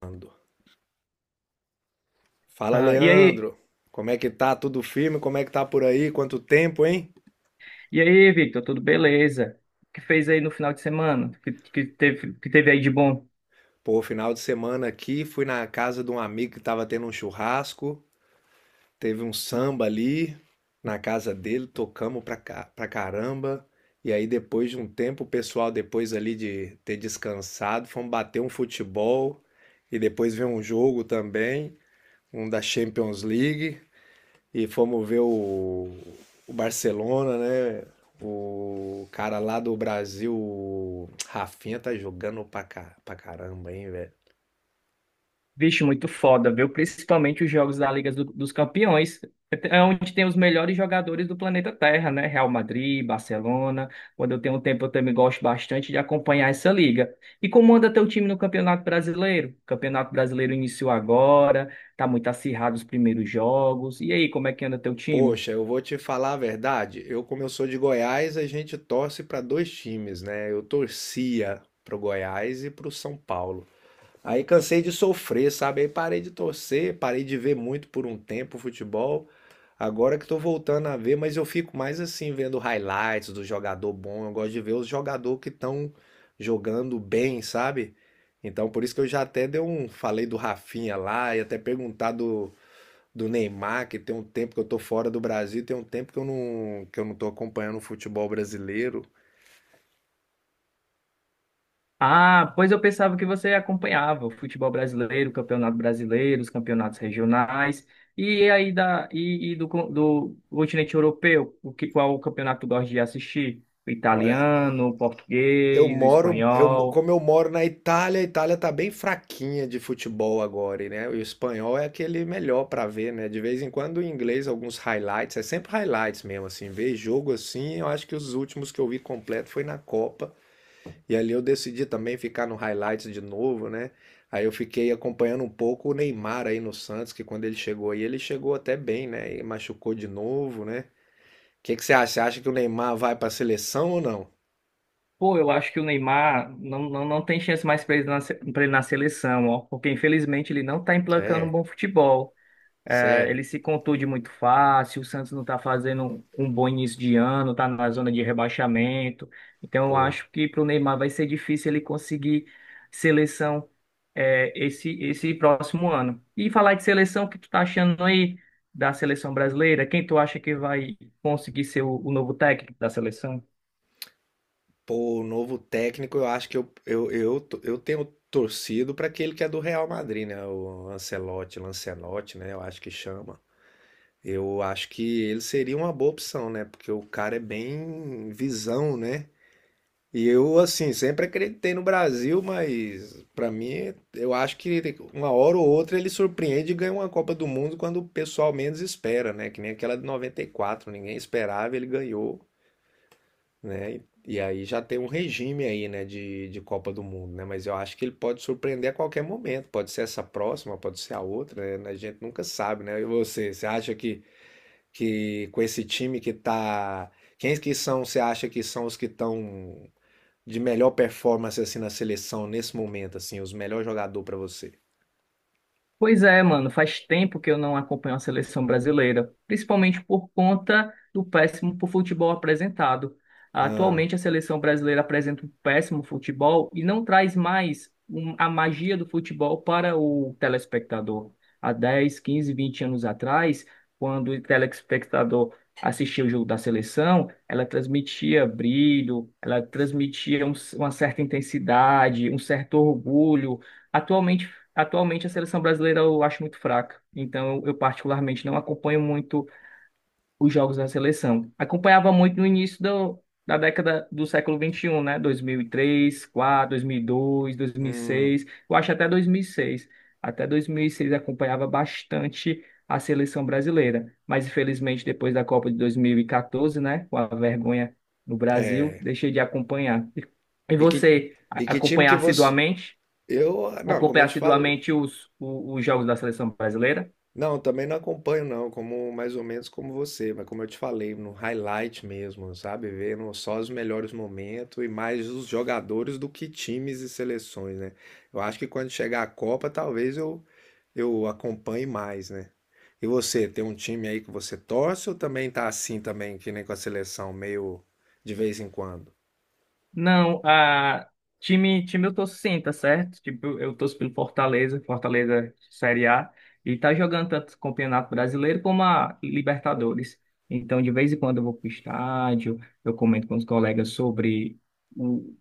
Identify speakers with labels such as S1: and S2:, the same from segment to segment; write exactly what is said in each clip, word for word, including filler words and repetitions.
S1: Ando. Fala,
S2: Ah, e aí,
S1: Leandro. Como é que tá? Tudo firme? Como é que tá por aí? Quanto tempo, hein?
S2: e aí, Victor, tudo beleza? O que fez aí no final de semana? O Que, que teve, que teve aí de bom?
S1: Pô, final de semana aqui, fui na casa de um amigo que tava tendo um churrasco, teve um samba ali na casa dele, tocamos pra, ca- pra caramba. E aí, depois de um tempo, o pessoal, depois ali de ter descansado, fomos bater um futebol e depois ver um jogo também, um da Champions League. E fomos ver o, o Barcelona, né? O cara lá do Brasil, o Rafinha, tá jogando pra, ca- pra caramba, hein, velho?
S2: Vixe, muito foda, viu? Principalmente os jogos da Liga do- dos Campeões, é onde tem os melhores jogadores do planeta Terra, né? Real Madrid, Barcelona. Quando eu tenho um tempo, eu também gosto bastante de acompanhar essa liga. E como anda teu time no Campeonato Brasileiro? O Campeonato Brasileiro iniciou agora, tá muito acirrado os primeiros jogos. E aí, como é que anda teu time?
S1: Poxa, eu vou te falar a verdade. Eu, como eu sou de Goiás, a gente torce pra dois times, né? Eu torcia pro Goiás e pro São Paulo. Aí cansei de sofrer, sabe? Aí parei de torcer, parei de ver muito por um tempo o futebol. Agora que tô voltando a ver, mas eu fico mais assim, vendo highlights do jogador bom. Eu gosto de ver os jogadores que estão jogando bem, sabe? Então por isso que eu já até dei um, falei do Rafinha lá e até perguntar do, do Neymar, que tem um tempo que eu tô fora do Brasil, tem um tempo que eu não, que eu não tô acompanhando o futebol brasileiro.
S2: Ah, pois eu pensava que você acompanhava o futebol brasileiro, o campeonato brasileiro, os campeonatos regionais e aí da e, e do, con- do continente europeu, o que qual campeonato tu gosta de assistir? O
S1: Olha,
S2: italiano, o
S1: Eu
S2: português, o
S1: moro, eu,
S2: espanhol.
S1: como eu moro na Itália, a Itália tá bem fraquinha de futebol agora, e, né? E o espanhol é aquele melhor pra ver, né? De vez em quando o inglês, alguns highlights, é sempre highlights mesmo, assim, ver jogo assim, eu acho que os últimos que eu vi completo foi na Copa, e ali eu decidi também ficar no highlights de novo, né? Aí eu fiquei acompanhando um pouco o Neymar aí no Santos, que quando ele chegou aí, ele chegou até bem, né? E machucou de novo, né? O que que você acha? Você acha que o Neymar vai pra seleção ou não?
S2: Pô, eu acho que o Neymar não, não, não tem chance mais para ele na, se- pra ele na seleção, ó, porque infelizmente ele não está emplacando um
S1: É,
S2: bom futebol. É,
S1: sério,
S2: ele se contunde muito fácil, o Santos não está fazendo um bom início de ano, está na zona de rebaixamento. Então, eu
S1: pô.
S2: acho que para o Neymar vai ser difícil ele conseguir seleção é, esse, esse próximo ano. E falar de seleção, o que tu tá achando aí da seleção brasileira? Quem tu acha que vai conseguir ser o, o novo técnico da seleção?
S1: Pô, o novo técnico, eu acho que eu, eu, eu, to- eu tenho torcido para aquele que é do Real Madrid, né? O Ancelotti, Lancelotti, né? Eu acho que chama. Eu acho que ele seria uma boa opção, né? Porque o cara é bem visão, né? E eu, assim, sempre acreditei no Brasil, mas para mim, eu acho que uma hora ou outra ele surpreende e ganha uma Copa do Mundo quando o pessoal menos espera, né? Que nem aquela de noventa e quatro ninguém esperava, ele ganhou, né? E aí já tem um regime aí, né, de, de Copa do Mundo, né? Mas eu acho que ele pode surpreender a qualquer momento. Pode ser essa próxima, pode ser a outra, né? A gente nunca sabe, né? E você, você acha que, que com esse time que tá... Quem que são, você acha que são os que estão de melhor performance, assim, na seleção nesse momento, assim? Os melhores jogadores para você?
S2: Pois é, mano, faz tempo que eu não acompanho a seleção brasileira, principalmente por conta do péssimo futebol apresentado.
S1: Ah,
S2: Atualmente a seleção brasileira apresenta um péssimo futebol e não traz mais um- a magia do futebol para o telespectador. Há dez, quinze, vinte anos atrás, quando o telespectador assistia o jogo da seleção, ela transmitia brilho, ela transmitia um- uma certa intensidade, um certo orgulho. Atualmente Atualmente a seleção brasileira eu acho muito fraca, então eu eu particularmente não acompanho muito os jogos da seleção. Acompanhava muito no início do- da década do século vinte e um, né? Dois dois dois, mil mil e e três, quatro, dois mil e dois, dois mil e
S1: hum.
S2: seis. Eu acho até dois mil e seis, até dois mil e seis acompanhava bastante a seleção brasileira, mas infelizmente depois da Copa de dois mil e quatorze, né? Com a vergonha no Brasil, deixei de acompanhar. E e
S1: E que,
S2: você
S1: e
S2: a-
S1: que time
S2: acompanhar
S1: que você...
S2: assiduamente?
S1: Eu, não, como
S2: Acompanhar
S1: eu te falo,
S2: assiduamente os, o- os jogos da seleção brasileira.
S1: não, também não acompanho não, como mais ou menos como você, mas como eu te falei, no highlight mesmo, sabe? Vendo só os melhores momentos e mais os jogadores do que times e seleções, né? Eu acho que quando chegar a Copa, talvez eu eu acompanhe mais, né? E você, tem um time aí que você torce ou também tá assim também, que nem com a seleção, meio de vez em quando?
S2: Não, a time, time eu torço sim, tá certo? Tipo, eu torço pelo Fortaleza, Fortaleza Série A, e tá jogando tanto o Campeonato Brasileiro como a Libertadores. Então, de vez em quando eu vou pro estádio, eu comento com os colegas sobre o,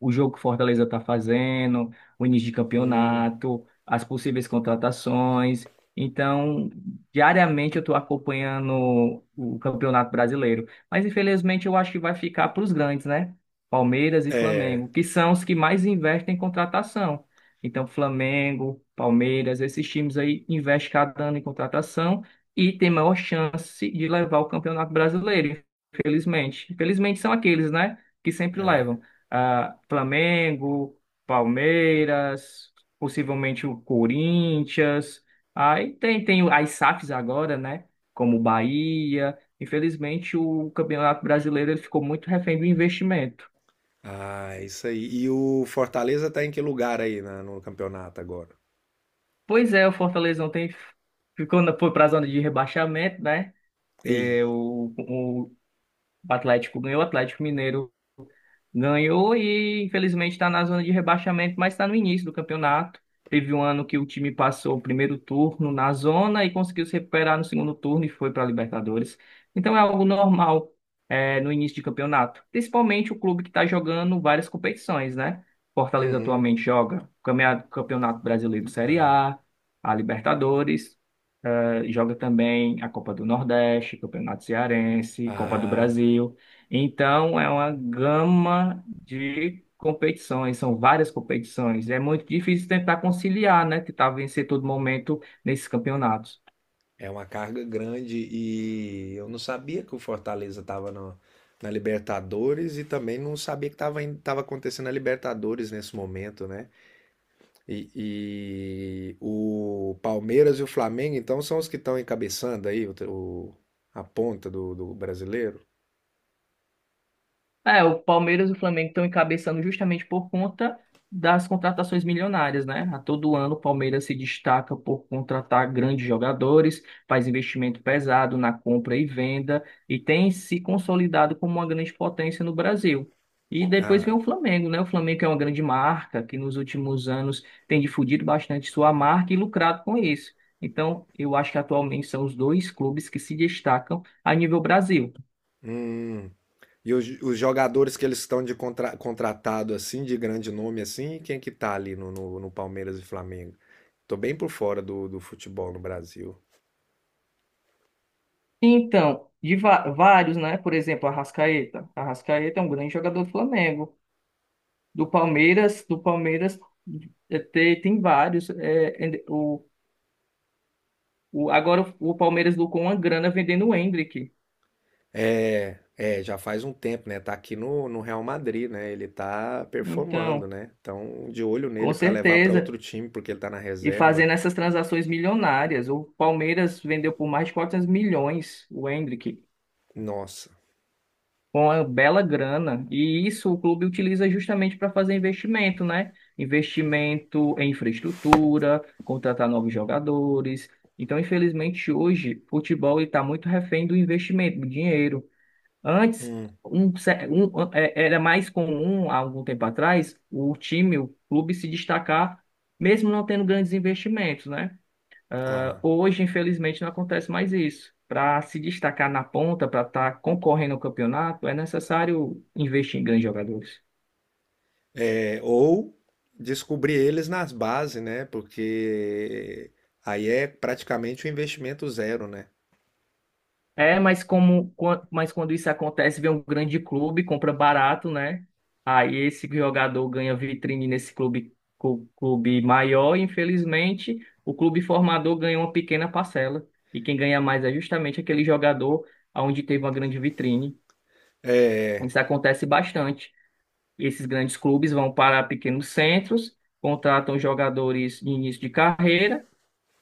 S2: o jogo que o Fortaleza tá fazendo, o início de
S1: Hum,
S2: campeonato, as possíveis contratações. Então, diariamente eu estou acompanhando o Campeonato Brasileiro. Mas infelizmente eu acho que vai ficar para os grandes, né? Palmeiras e
S1: é,
S2: Flamengo, que são os que mais investem em contratação. Então, Flamengo, Palmeiras, esses times aí investem cada ano em contratação e tem maior chance de levar o Campeonato Brasileiro, infelizmente. Infelizmente são aqueles, né, que sempre
S1: é.
S2: levam. Ah, Flamengo, Palmeiras, possivelmente o Corinthians. Aí tem, tem as S A Fs agora, né, como Bahia. Infelizmente, o Campeonato Brasileiro ele ficou muito refém do investimento.
S1: Ah, isso aí. E o Fortaleza tá em que lugar aí na- no campeonato agora?
S2: Pois é, o Fortaleza ontem ficou na, foi para a zona de rebaixamento, né?
S1: Ih,
S2: É, o, o Atlético ganhou, o Atlético Mineiro ganhou e infelizmente está na zona de rebaixamento, mas está no início do campeonato. Teve um ano que o time passou o primeiro turno na zona e conseguiu se recuperar no segundo turno e foi para a Libertadores. Então é algo normal é, no início de campeonato, principalmente o clube que está jogando várias competições, né? Fortaleza
S1: uhum.
S2: atualmente joga o camea- Campeonato Brasileiro Série A, a Libertadores, eh, joga também a Copa do Nordeste, Campeonato Cearense, Copa do
S1: Ah,
S2: Brasil. Então, é uma gama de competições, são várias competições. É muito difícil tentar conciliar, né? Tentar vencer todo momento nesses campeonatos.
S1: é uma carga grande e eu não sabia que o Fortaleza estava na Libertadores e também não sabia que estava tava acontecendo a Libertadores nesse momento, né? E, e o Palmeiras e o Flamengo, então, são os que estão encabeçando aí o, o- a ponta do, do brasileiro.
S2: É, o Palmeiras e o Flamengo estão encabeçando justamente por conta das contratações milionárias, né? A todo ano o Palmeiras se destaca por contratar grandes jogadores, faz investimento pesado na compra e venda e tem se consolidado como uma grande potência no Brasil. E depois vem
S1: Ah,
S2: o Flamengo, né? O Flamengo é uma grande marca que nos últimos anos tem difundido bastante sua marca e lucrado com isso. Então, eu acho que atualmente são os dois clubes que se destacam a nível Brasil.
S1: hum. E os, os jogadores que eles estão de contra, contratado assim, de grande nome assim, quem que tá ali no, no no Palmeiras e Flamengo? Tô bem por fora do, do futebol no Brasil.
S2: Então, de va- vários, né? Por exemplo, Arrascaeta. Arrascaeta é um grande jogador do Flamengo. Do Palmeiras, do Palmeiras eh, te- tem vários. eh, and- o, o, agora o o Palmeiras lucrou uma grana vendendo o Endrick.
S1: É, é, já faz um tempo, né? Tá aqui no, no Real Madrid, né? Ele tá performando,
S2: Então,
S1: né? Então, de olho
S2: com
S1: nele pra levar pra
S2: certeza.
S1: outro time, porque ele tá na
S2: E
S1: reserva.
S2: fazendo essas transações milionárias. O Palmeiras vendeu por mais de quatrocentos milhões o Endrick,
S1: Nossa.
S2: com uma bela grana. E isso o clube utiliza justamente para fazer investimento, né? Investimento em infraestrutura, contratar novos jogadores. Então, infelizmente, hoje, futebol está muito refém do investimento, do dinheiro. Antes,
S1: Hum.
S2: um ce- um- é- era mais comum, há algum tempo atrás, o time, o clube se destacar, mesmo não tendo grandes investimentos, né?
S1: Ah.
S2: Hoje, infelizmente, não acontece mais isso. Para se destacar na ponta, para estar concorrendo ao campeonato, é necessário investir em grandes jogadores.
S1: É, ou descobrir eles nas bases, né? Porque aí é praticamente um investimento zero, né?
S2: É, mas como, quan- mas quando isso acontece, vem um grande clube, compra barato, né? Aí esse jogador ganha vitrine nesse clube, cu- clube maior, e infelizmente, o clube formador ganha uma pequena parcela. E quem ganha mais é justamente aquele jogador onde teve uma grande vitrine. Isso acontece bastante. E esses grandes clubes vão para pequenos centros, contratam jogadores de início de carreira,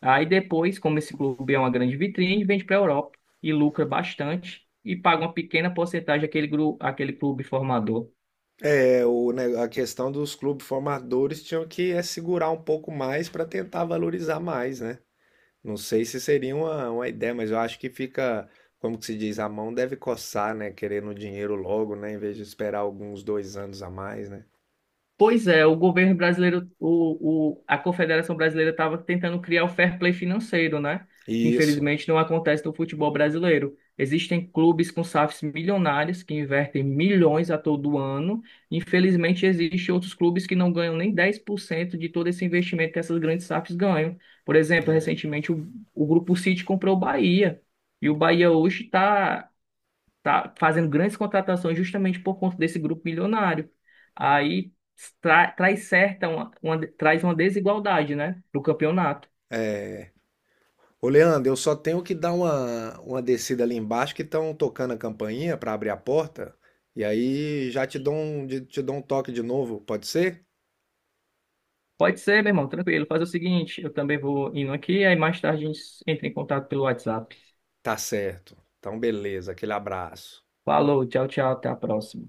S2: aí depois, como esse clube é uma grande vitrine, vende para a Europa e lucra bastante e paga uma pequena porcentagem àquele, gru- àquele clube formador.
S1: É, o, ne- a questão dos clubes formadores tinham que é, segurar um pouco mais pra tentar valorizar mais, né? Não sei se seria uma, uma ideia, mas eu acho que fica, como que se diz, a mão deve coçar, né? Querendo o dinheiro logo, né? Em vez de esperar alguns dois anos a mais, né?
S2: Pois é, o governo brasileiro, o, o, a Confederação Brasileira estava tentando criar o fair play financeiro, né?
S1: Isso.
S2: Infelizmente, não acontece no futebol brasileiro. Existem clubes com S A Fs milionários que invertem milhões a todo ano. Infelizmente, existem outros clubes que não ganham nem dez por cento de todo esse investimento que essas grandes S A Fs ganham. Por exemplo, recentemente o, o Grupo City comprou o Bahia. E o Bahia hoje está tá fazendo grandes contratações justamente por conta desse grupo milionário. Aí tra- traz certa uma, uma- traz uma desigualdade, né, no campeonato.
S1: Ô, Leandro, eu só tenho que dar uma, uma descida ali embaixo que estão tocando a campainha para abrir a porta. E aí já te dou um, te dou um toque de novo, pode ser?
S2: Pode ser, meu irmão, tranquilo. Faz o seguinte, eu também vou indo aqui, aí mais tarde a gente entra em contato pelo WhatsApp.
S1: Tá certo. Então, beleza. Aquele abraço.
S2: Falou, tchau, tchau, até a próxima.